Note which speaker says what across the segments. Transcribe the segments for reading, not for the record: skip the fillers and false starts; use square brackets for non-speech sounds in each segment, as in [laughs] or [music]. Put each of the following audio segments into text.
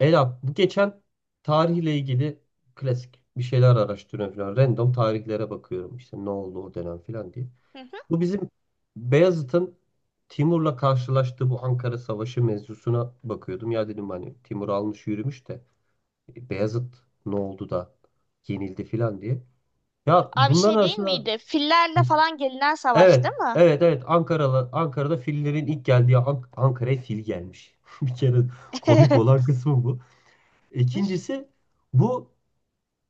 Speaker 1: Ela, bu geçen tarihle ilgili klasik bir şeyler araştırıyorum falan. Random tarihlere bakıyorum işte ne oldu o dönem falan diye.
Speaker 2: Hı hı.
Speaker 1: Bu bizim Beyazıt'ın Timur'la karşılaştığı bu Ankara Savaşı mevzusuna bakıyordum. Ya dedim hani Timur almış yürümüş de Beyazıt ne oldu da yenildi falan diye. Ya
Speaker 2: Abi
Speaker 1: bunların
Speaker 2: şey değil
Speaker 1: arasında.
Speaker 2: miydi?
Speaker 1: Hı.
Speaker 2: Fillerle falan gelinen savaş
Speaker 1: Evet,
Speaker 2: değil mi?
Speaker 1: evet, evet, Ankara'da Ankara'da fillerin ilk geldiği Ankara'ya fil gelmiş. [laughs] Bir kere komik
Speaker 2: [laughs]
Speaker 1: olan kısmı bu. İkincisi bu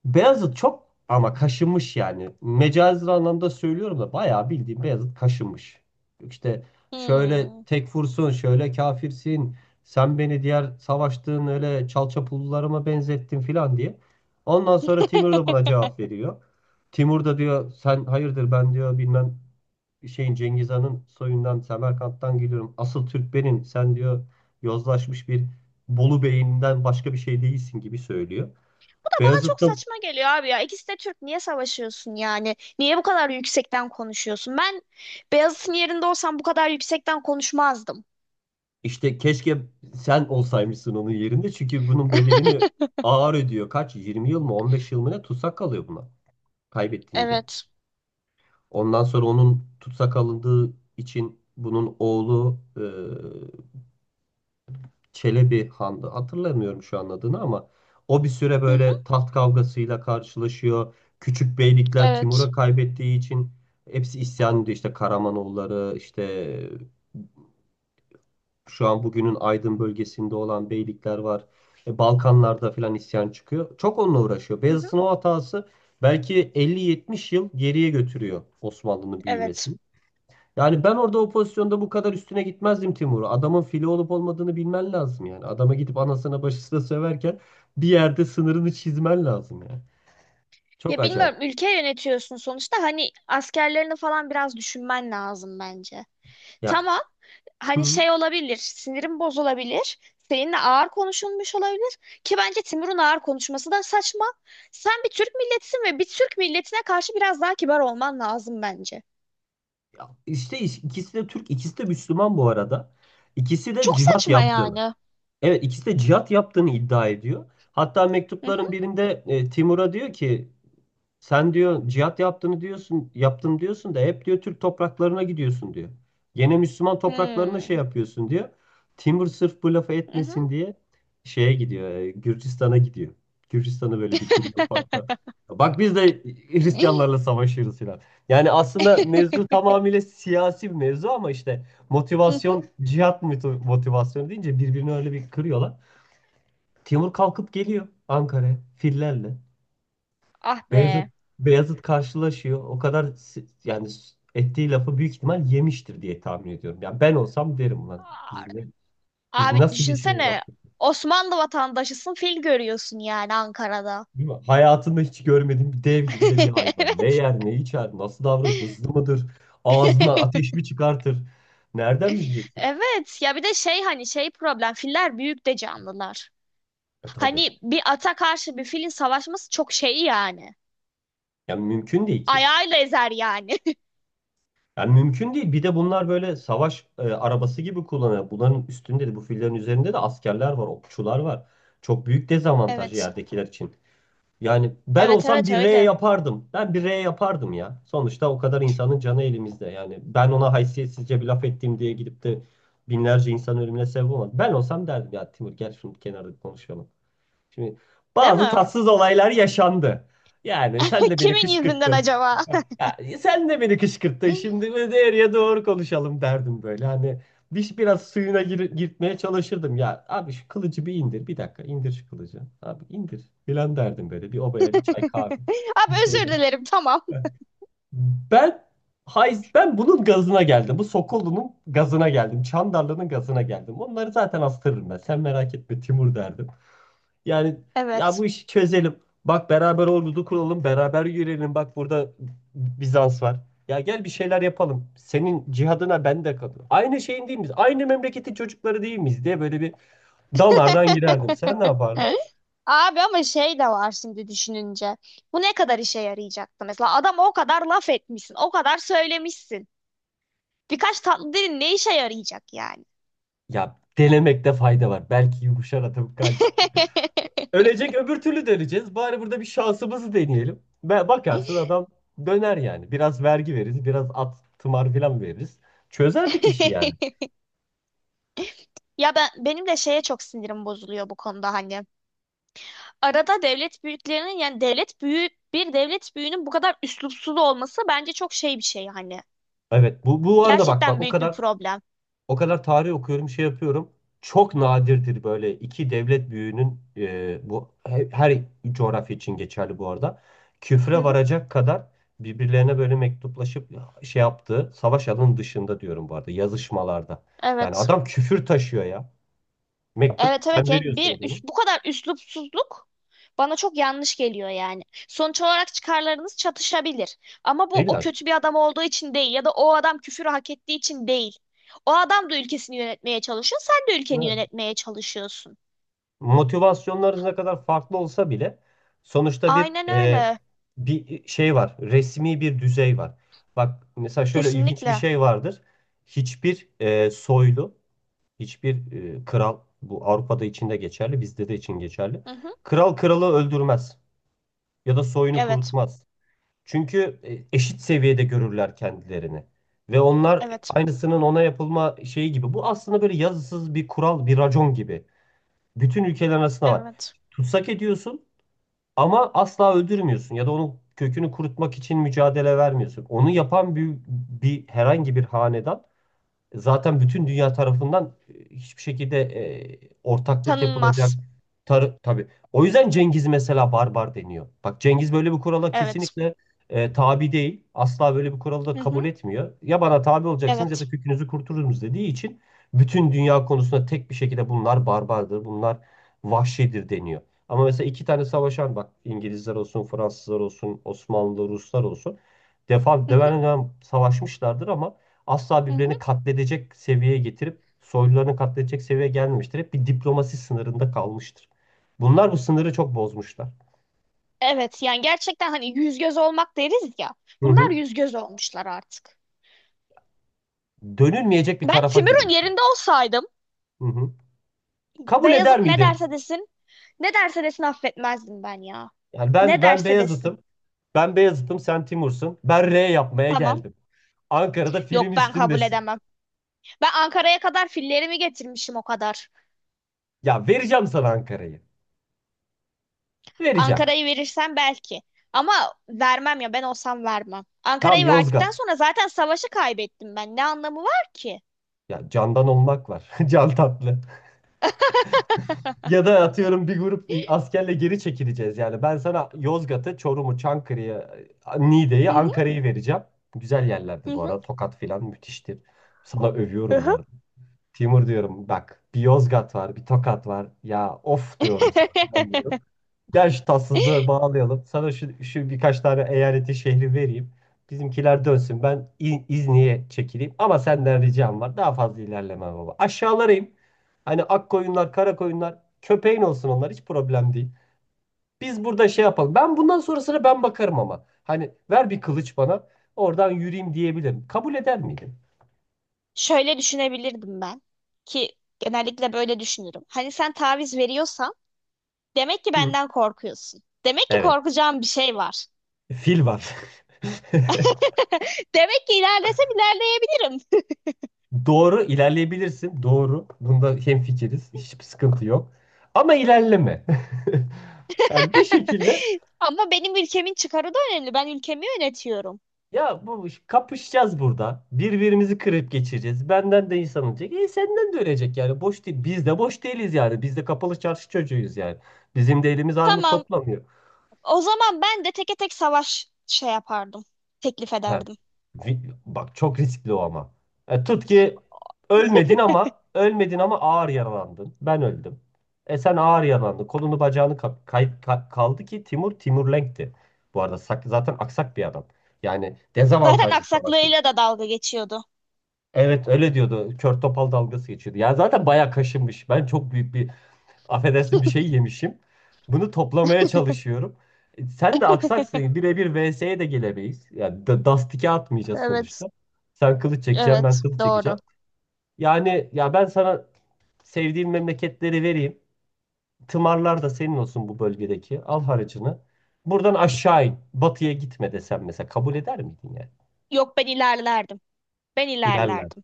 Speaker 1: Beyazıt çok ama kaşınmış yani. Mecazi anlamda söylüyorum da bayağı bildiğim Beyazıt kaşınmış. İşte şöyle
Speaker 2: Hmm.
Speaker 1: tekfursun, şöyle kafirsin, sen beni diğer savaştığın öyle çalçapullularıma benzettin filan diye. Ondan sonra Timur da buna cevap
Speaker 2: [laughs]
Speaker 1: veriyor. Timur da diyor sen hayırdır, ben diyor bilmem şeyin Cengiz Han'ın soyundan Semerkant'tan geliyorum. Asıl Türk benim. Sen diyor yozlaşmış bir Bolu Bey'inden başka bir şey değilsin gibi söylüyor.
Speaker 2: Bu da bana
Speaker 1: Beyazıt
Speaker 2: çok
Speaker 1: da.
Speaker 2: saçma geliyor abi ya. İkisi de Türk. Niye savaşıyorsun yani? Niye bu kadar yüksekten konuşuyorsun? Ben Beyazıt'ın yerinde olsam bu kadar yüksekten konuşmazdım.
Speaker 1: İşte keşke sen olsaymışsın onun yerinde. Çünkü bunun bedelini
Speaker 2: [laughs]
Speaker 1: ağır ödüyor. Kaç? 20 yıl mı, 15 yıl mı ne tutsak kalıyor buna kaybettiğince.
Speaker 2: Evet.
Speaker 1: Ondan sonra onun tutsak alındığı için bunun oğlu Çelebi Han'dı. Hatırlamıyorum şu an adını, ama o bir süre
Speaker 2: Hı hı.
Speaker 1: böyle taht kavgasıyla karşılaşıyor. Küçük beylikler Timur'a
Speaker 2: Evet.
Speaker 1: kaybettiği için hepsi isyan ediyor. İşte Karamanoğulları, işte şu an bugünün Aydın bölgesinde olan beylikler var. Balkanlarda falan isyan çıkıyor. Çok onunla uğraşıyor.
Speaker 2: Hı hı.
Speaker 1: Beyazıt'ın o hatası belki 50-70 yıl geriye götürüyor Osmanlı'nın
Speaker 2: Evet.
Speaker 1: büyümesini. Yani ben orada o pozisyonda bu kadar üstüne gitmezdim Timur'u. Adamın fili olup olmadığını bilmen lazım yani. Adama gidip anasına başısına söverken bir yerde sınırını çizmen lazım yani. Çok
Speaker 2: Ya bilmiyorum,
Speaker 1: acayip.
Speaker 2: ülke yönetiyorsun sonuçta, hani askerlerini falan biraz düşünmen lazım bence.
Speaker 1: Ya,
Speaker 2: Tamam. Hani
Speaker 1: hı.
Speaker 2: şey olabilir, sinirim bozulabilir. Seninle ağır konuşulmuş olabilir ki bence Timur'un ağır konuşması da saçma. Sen bir Türk milletisin ve bir Türk milletine karşı biraz daha kibar olman lazım bence.
Speaker 1: Ya işte ikisi de Türk, ikisi de Müslüman bu arada. İkisi de
Speaker 2: Çok
Speaker 1: cihat
Speaker 2: saçma
Speaker 1: yaptığını.
Speaker 2: yani.
Speaker 1: Evet ikisi de cihat yaptığını iddia ediyor. Hatta
Speaker 2: Hı hı.
Speaker 1: mektupların birinde Timur'a diyor ki sen diyor cihat yaptığını diyorsun, yaptım diyorsun da hep diyor Türk topraklarına gidiyorsun diyor. Gene Müslüman topraklarına şey
Speaker 2: Hmm.
Speaker 1: yapıyorsun diyor. Timur sırf bu lafı
Speaker 2: Hı
Speaker 1: etmesin
Speaker 2: hı.
Speaker 1: diye şeye gidiyor, Gürcistan'a gidiyor. Gürcistan'a böyle bir giriyor ufaktan. Bak biz de Hristiyanlarla savaşıyoruz falan. Yani aslında mevzu
Speaker 2: [laughs]
Speaker 1: tamamıyla siyasi bir mevzu, ama işte
Speaker 2: Hı hı.
Speaker 1: motivasyon, cihat motivasyonu deyince birbirini öyle bir kırıyorlar. Timur kalkıp geliyor Ankara'ya fillerle.
Speaker 2: Ah
Speaker 1: Beyazıt
Speaker 2: be.
Speaker 1: Beyazıt karşılaşıyor. O kadar yani ettiği lafı büyük ihtimal yemiştir diye tahmin ediyorum. Yani ben olsam derim lan biz
Speaker 2: Abi
Speaker 1: nasıl bir şey
Speaker 2: düşünsene,
Speaker 1: yaptık?
Speaker 2: Osmanlı vatandaşısın, fil görüyorsun yani Ankara'da.
Speaker 1: Değil mi? Hayatımda hiç görmediğim bir dev gibi de bir hayvan. Ne
Speaker 2: [laughs]
Speaker 1: yer, ne içer, nasıl davranır, hızlı mıdır? Ağzına
Speaker 2: Evet. [laughs]
Speaker 1: ateş mi çıkartır? Nereden bileceksin?
Speaker 2: Evet ya, bir de şey, hani şey, problem filler büyük de canlılar.
Speaker 1: E tabii.
Speaker 2: Hani bir ata karşı bir filin savaşması çok şey yani.
Speaker 1: Yani mümkün değil ki.
Speaker 2: Ayağıyla ezer yani. [laughs]
Speaker 1: Yani mümkün değil. Bir de bunlar böyle savaş arabası gibi kullanıyor. Bunların üstünde de, bu fillerin üzerinde de askerler var, okçular var. Çok büyük dezavantaj
Speaker 2: Evet.
Speaker 1: yerdekiler için. Yani ben
Speaker 2: Evet,
Speaker 1: olsam
Speaker 2: evet,
Speaker 1: bir R
Speaker 2: öyle.
Speaker 1: yapardım. Ben bir R yapardım ya. Sonuçta o kadar insanın canı elimizde. Yani ben ona haysiyetsizce bir laf ettiğim diye gidip de binlerce insan ölümüne sebep olmadım. Ben olsam derdim ya Timur gel şunu bir kenarda bir konuşalım. Şimdi
Speaker 2: Değil
Speaker 1: bazı
Speaker 2: mi?
Speaker 1: tatsız olaylar yaşandı. Yani sen
Speaker 2: [laughs]
Speaker 1: de beni
Speaker 2: Kimin yüzünden
Speaker 1: kışkırttın.
Speaker 2: acaba? [laughs]
Speaker 1: Ya, sen de beni kışkırttın şimdi, böyle doğruya doğru konuşalım derdim böyle. Hani bir, biraz suyuna girtmeye çalışırdım. Ya abi şu kılıcı bir indir, bir dakika indir şu kılıcı. Abi indir filan derdim, böyle bir obaya bir çay kahve bir
Speaker 2: Abi özür
Speaker 1: şeyler.
Speaker 2: dilerim, tamam.
Speaker 1: Ben ben bunun gazına geldim. Bu Sokollu'nun gazına geldim. Çandarlı'nın gazına geldim. Onları zaten astırırım ben. Sen merak etme Timur derdim. Yani ya bu
Speaker 2: Evet.
Speaker 1: işi çözelim. Bak beraber ordu kuralım, beraber yürüyelim. Bak burada Bizans var. Ya gel bir şeyler yapalım. Senin cihadına ben de katılırım. Aynı şeyin değil miyiz? Aynı memleketin çocukları değil miyiz diye böyle bir damardan girerdim. Sen ne yapardın?
Speaker 2: Hı? Abi ama şey de var şimdi düşününce. Bu ne kadar işe yarayacaktı mesela? Adama o kadar laf etmişsin, o kadar söylemişsin. Birkaç tatlı dilin ne işe yarayacak yani?
Speaker 1: Ya denemekte fayda var. Belki yumuşar atıp kalp. Ölecek öbür türlü de. Bari burada bir şansımızı deneyelim. Ve bakarsın adam döner yani. Biraz vergi veririz, biraz at, tımar falan veririz. Çözerdik işi yani.
Speaker 2: [laughs] Ya ben, benim de şeye çok sinirim bozuluyor bu konuda hani. Arada devlet büyüklerinin, yani devlet büyüğü bir devlet büyüğünün bu kadar üslupsuz olması bence çok şey bir şey hani.
Speaker 1: Evet, bu arada bak bak
Speaker 2: Gerçekten büyük bir problem.
Speaker 1: O kadar tarih okuyorum, şey yapıyorum. Çok nadirdir böyle iki devlet büyüğünün, her coğrafya için geçerli bu arada.
Speaker 2: Hı
Speaker 1: Küfre
Speaker 2: hı.
Speaker 1: varacak kadar birbirlerine böyle mektuplaşıp şey yaptığı, savaş alanı dışında diyorum bu arada, yazışmalarda. Yani
Speaker 2: Evet.
Speaker 1: adam küfür taşıyor ya. Mektup
Speaker 2: Evet, evet,
Speaker 1: sen
Speaker 2: yani
Speaker 1: veriyorsun adamı.
Speaker 2: bu kadar üslupsuzluk bana çok yanlış geliyor yani. Sonuç olarak çıkarlarınız çatışabilir. Ama bu o
Speaker 1: İlla ki.
Speaker 2: kötü bir adam olduğu için değil, ya da o adam küfürü hak ettiği için değil. O adam da ülkesini yönetmeye çalışıyor, sen de ülkeni yönetmeye çalışıyorsun.
Speaker 1: Motivasyonlarınız ne kadar farklı olsa bile sonuçta
Speaker 2: Aynen öyle.
Speaker 1: bir şey var. Resmi bir düzey var. Bak mesela şöyle ilginç bir
Speaker 2: Kesinlikle.
Speaker 1: şey vardır. Hiçbir soylu, hiçbir kral, bu Avrupa'da için de geçerli, bizde de için geçerli.
Speaker 2: Hı hı.
Speaker 1: Kral kralı öldürmez ya da soyunu
Speaker 2: Evet.
Speaker 1: kurutmaz. Çünkü eşit seviyede görürler kendilerini. Ve onlar
Speaker 2: Evet.
Speaker 1: aynısının ona yapılma şeyi gibi. Bu aslında böyle yazısız bir kural, bir racon gibi. Bütün ülkeler arasında var.
Speaker 2: Evet.
Speaker 1: Tutsak ediyorsun ama asla öldürmüyorsun, ya da onun kökünü kurutmak için mücadele vermiyorsun. Onu yapan bir herhangi bir hanedan zaten bütün dünya tarafından hiçbir şekilde ortaklık yapılacak
Speaker 2: Tanınmaz.
Speaker 1: tabii. O yüzden Cengiz mesela barbar deniyor. Bak Cengiz böyle bir kurala
Speaker 2: Evet.
Speaker 1: kesinlikle tabi değil. Asla böyle bir kuralı da
Speaker 2: Hı
Speaker 1: kabul
Speaker 2: hı.
Speaker 1: etmiyor. Ya bana tabi olacaksınız, ya da
Speaker 2: Evet.
Speaker 1: kökünüzü kurtururuz dediği için bütün dünya konusunda tek bir şekilde bunlar barbardır, bunlar vahşidir deniyor. Ama mesela iki tane savaşan, bak İngilizler olsun, Fransızlar olsun, Osmanlı, Ruslar olsun defa
Speaker 2: Hı hı.
Speaker 1: devam savaşmışlardır ama asla
Speaker 2: Hı hı.
Speaker 1: birbirini katledecek seviyeye getirip soylularını katledecek seviyeye gelmemiştir. Hep bir diplomasi sınırında kalmıştır. Bunlar bu sınırı çok bozmuşlar.
Speaker 2: Evet. Yani gerçekten hani yüz göz olmak deriz ya.
Speaker 1: Hı
Speaker 2: Bunlar
Speaker 1: hı.
Speaker 2: yüz göz olmuşlar artık.
Speaker 1: Dönülmeyecek bir
Speaker 2: Ben
Speaker 1: tarafa
Speaker 2: Timur'un
Speaker 1: girmişler.
Speaker 2: yerinde olsaydım
Speaker 1: Hı hı. Kabul eder
Speaker 2: Beyazıt ne
Speaker 1: miydin?
Speaker 2: derse desin, ne derse desin affetmezdim ben ya.
Speaker 1: Yani ben
Speaker 2: Ne
Speaker 1: ben
Speaker 2: derse desin.
Speaker 1: Beyazıt'ım. Ben Beyazıt'ım, sen Timur'sun. Ben R yapmaya
Speaker 2: Tamam.
Speaker 1: geldim. Ankara'da film.
Speaker 2: Yok, ben kabul edemem. Ben Ankara'ya kadar fillerimi getirmişim o kadar.
Speaker 1: Ya vereceğim sana Ankara'yı. Vereceğim.
Speaker 2: Ankara'yı verirsen belki. Ama vermem, ya ben olsam vermem.
Speaker 1: Tamam,
Speaker 2: Ankara'yı verdikten
Speaker 1: Yozgat.
Speaker 2: sonra zaten savaşı kaybettim ben. Ne anlamı var ki?
Speaker 1: Ya candan olmak var. [laughs] Can tatlı. Ya da atıyorum bir grup askerle geri çekileceğiz yani. Ben sana Yozgat'ı, Çorum'u, Çankırı'yı, Niğde'yi,
Speaker 2: Hı hı,
Speaker 1: Ankara'yı vereceğim. Güzel yerlerdi
Speaker 2: hı
Speaker 1: bu
Speaker 2: hı.
Speaker 1: arada. Tokat filan müthiştir. Sana
Speaker 2: Hı
Speaker 1: övüyorum bu
Speaker 2: hı.
Speaker 1: arada. Timur diyorum bak bir Yozgat var, bir Tokat var. Ya of diyorum sana falan
Speaker 2: [laughs]
Speaker 1: diyorum. Gel şu tatsızlığı bağlayalım. Sana şu birkaç tane eyaleti şehri vereyim. Bizimkiler dönsün. Ben İzni'ye çekileyim. Ama senden ricam var. Daha fazla ilerleme baba. Aşağılara in. Hani ak koyunlar, kara koyunlar. Köpeğin olsun onlar. Hiç problem değil. Biz burada şey yapalım. Ben bundan sonrasına ben bakarım ama. Hani ver bir kılıç bana. Oradan yürüyeyim diyebilirim. Kabul eder miydin?
Speaker 2: Şöyle düşünebilirdim ben, ki genellikle böyle düşünürüm. Hani sen taviz veriyorsan demek ki
Speaker 1: Hı.
Speaker 2: benden korkuyorsun. Demek ki
Speaker 1: Evet.
Speaker 2: korkacağım bir şey var.
Speaker 1: Fil var. [laughs]
Speaker 2: [laughs] Demek ki ilerlesem ilerleyebilirim.
Speaker 1: Doğru ilerleyebilirsin. Doğru. Bunda hemfikiriz. Hiçbir sıkıntı yok. Ama ilerleme. [laughs] Yani bir şekilde
Speaker 2: [laughs] Ama benim ülkemin çıkarı da önemli. Ben ülkemi yönetiyorum.
Speaker 1: ya bu kapışacağız burada. Birbirimizi kırıp geçireceğiz. Benden de insan olacak. E senden de ölecek yani. Boş değil. Biz de boş değiliz yani. Biz de kapalı çarşı çocuğuyuz yani. Bizim de elimiz armut
Speaker 2: Tamam.
Speaker 1: toplamıyor.
Speaker 2: O zaman ben de teke tek savaş şey yapardım. Teklif
Speaker 1: Ha.
Speaker 2: ederdim.
Speaker 1: Vi- Bak çok riskli o ama. Tut ki ölmedin, ama ağır yaralandın. Ben öldüm. E sen ağır yaralandın. Kolunu bacağını kaldı ki Timurlenk'ti. Bu arada zaten aksak bir adam. Yani
Speaker 2: Zaten
Speaker 1: dezavantajlı savaşıyoruz.
Speaker 2: aksaklığıyla da dalga geçiyordu.
Speaker 1: Evet öyle diyordu. Kör topal dalgası geçiyordu. Yani zaten bayağı kaşınmış. Ben çok büyük bir, affedersin, bir şey yemişim. Bunu toplamaya çalışıyorum. Sen de aksaksın.
Speaker 2: [laughs]
Speaker 1: Birebir VS'ye de gelemeyiz. Yani dastike atmayacağız sonuçta.
Speaker 2: Evet,
Speaker 1: Sen kılıç çekeceğim, ben
Speaker 2: evet,
Speaker 1: kılıç
Speaker 2: doğru.
Speaker 1: çekeceğim. Yani ya ben sana sevdiğim memleketleri vereyim. Tımarlar da senin olsun bu bölgedeki. Al harcını. Buradan aşağı in. Batıya gitme desem mesela kabul eder miydin yani?
Speaker 2: Yok, ben ilerlerdim. Ben
Speaker 1: İlerler.
Speaker 2: ilerlerdim.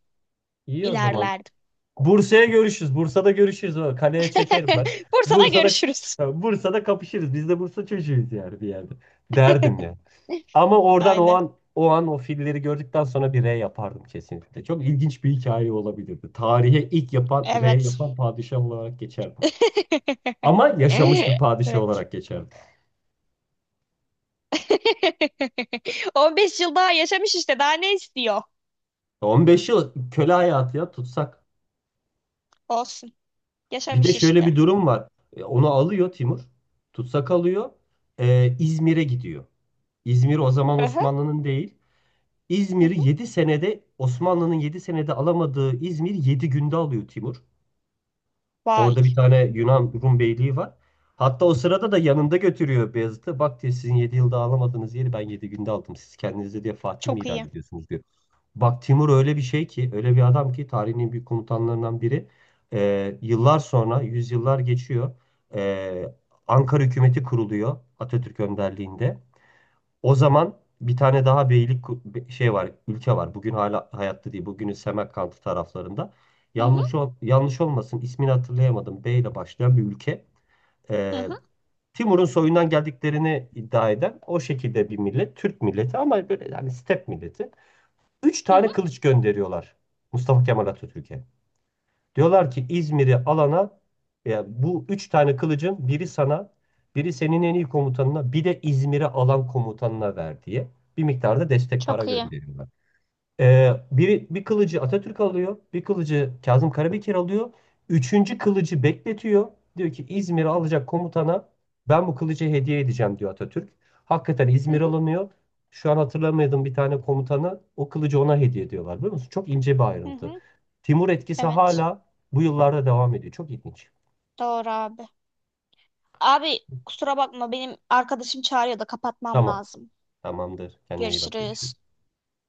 Speaker 1: İyi o zaman.
Speaker 2: İlerlerdim.
Speaker 1: Bursa'ya görüşürüz. Bursa'da görüşürüz. O Kaleye çekerim ben.
Speaker 2: [laughs] Bursa'da
Speaker 1: Bursa'da
Speaker 2: görüşürüz.
Speaker 1: Bursa'da kapışırız. Biz de Bursa çocuğuyuz yani bir yerde. Derdim ya.
Speaker 2: [laughs]
Speaker 1: Ama oradan o
Speaker 2: Aynen.
Speaker 1: an o an o filleri gördükten sonra bir R yapardım kesinlikle. Çok ilginç bir hikaye olabilirdi. Tarihe ilk yapan R
Speaker 2: Evet.
Speaker 1: yapan padişah olarak geçerdim.
Speaker 2: [laughs]
Speaker 1: Ama yaşamış bir padişah
Speaker 2: Evet.
Speaker 1: olarak geçerdim.
Speaker 2: [laughs] 15 yıl daha yaşamış işte. Daha ne istiyor?
Speaker 1: 15 yıl köle hayatı ya tutsak.
Speaker 2: Olsun.
Speaker 1: Bir de
Speaker 2: Yaşamış
Speaker 1: şöyle
Speaker 2: işte.
Speaker 1: bir durum var. Onu alıyor Timur. Tutsak alıyor. İzmir'e gidiyor. İzmir o zaman
Speaker 2: Aha.
Speaker 1: Osmanlı'nın değil.
Speaker 2: Hı
Speaker 1: İzmir'i
Speaker 2: hı.
Speaker 1: 7 senede Osmanlı'nın 7 senede alamadığı İzmir 7 günde alıyor Timur.
Speaker 2: Vay.
Speaker 1: Orada bir tane Yunan Rum beyliği var. Hatta o sırada da yanında götürüyor Beyazıt'ı. Bak diyor sizin 7 yılda alamadığınız yeri ben 7 günde aldım. Siz kendinize diye Fatih mi
Speaker 2: Çok
Speaker 1: ilan
Speaker 2: iyi.
Speaker 1: ediyorsunuz diyor. Bak Timur öyle bir şey ki, öyle bir adam ki tarihin en büyük komutanlarından biri. Yıllar sonra yüzyıllar geçiyor. Ee, Ankara hükümeti kuruluyor Atatürk önderliğinde. O zaman bir tane daha beylik şey var, ülke var. Bugün hala hayatta değil. Bugünün Semerkant'ı taraflarında.
Speaker 2: Hı hı.
Speaker 1: Yanlış olmasın ismini hatırlayamadım. B ile başlayan bir ülke.
Speaker 2: Hı
Speaker 1: Ee,
Speaker 2: hı.
Speaker 1: Timur'un soyundan geldiklerini iddia eden o şekilde bir millet. Türk milleti ama böyle yani step milleti. Üç
Speaker 2: Hı hı.
Speaker 1: tane kılıç gönderiyorlar Mustafa Kemal Atatürk'e. Diyorlar ki İzmir'i alana ya bu üç tane kılıcın biri sana, biri senin en iyi komutanına, bir de İzmir'i alan komutanına ver diye bir miktarda destek para
Speaker 2: Çok iyi.
Speaker 1: gönderiyorlar. Bir kılıcı Atatürk alıyor, bir kılıcı Kazım Karabekir alıyor. Üçüncü kılıcı bekletiyor. Diyor ki İzmir'i alacak komutana ben bu kılıcı hediye edeceğim diyor Atatürk. Hakikaten
Speaker 2: Hı
Speaker 1: İzmir
Speaker 2: hı,
Speaker 1: alınıyor. Şu an hatırlamadığım bir tane komutana o kılıcı ona hediye ediyorlar biliyor musun? Çok ince bir
Speaker 2: hı
Speaker 1: ayrıntı.
Speaker 2: hı.
Speaker 1: Timur etkisi
Speaker 2: Evet.
Speaker 1: hala bu yıllarda devam ediyor. Çok ilginç.
Speaker 2: Doğru abi. Abi kusura bakma, benim arkadaşım çağırıyor da kapatmam
Speaker 1: Tamam,
Speaker 2: lazım.
Speaker 1: tamamdır. Kendine iyi bak. Görüşürüz.
Speaker 2: Görüşürüz.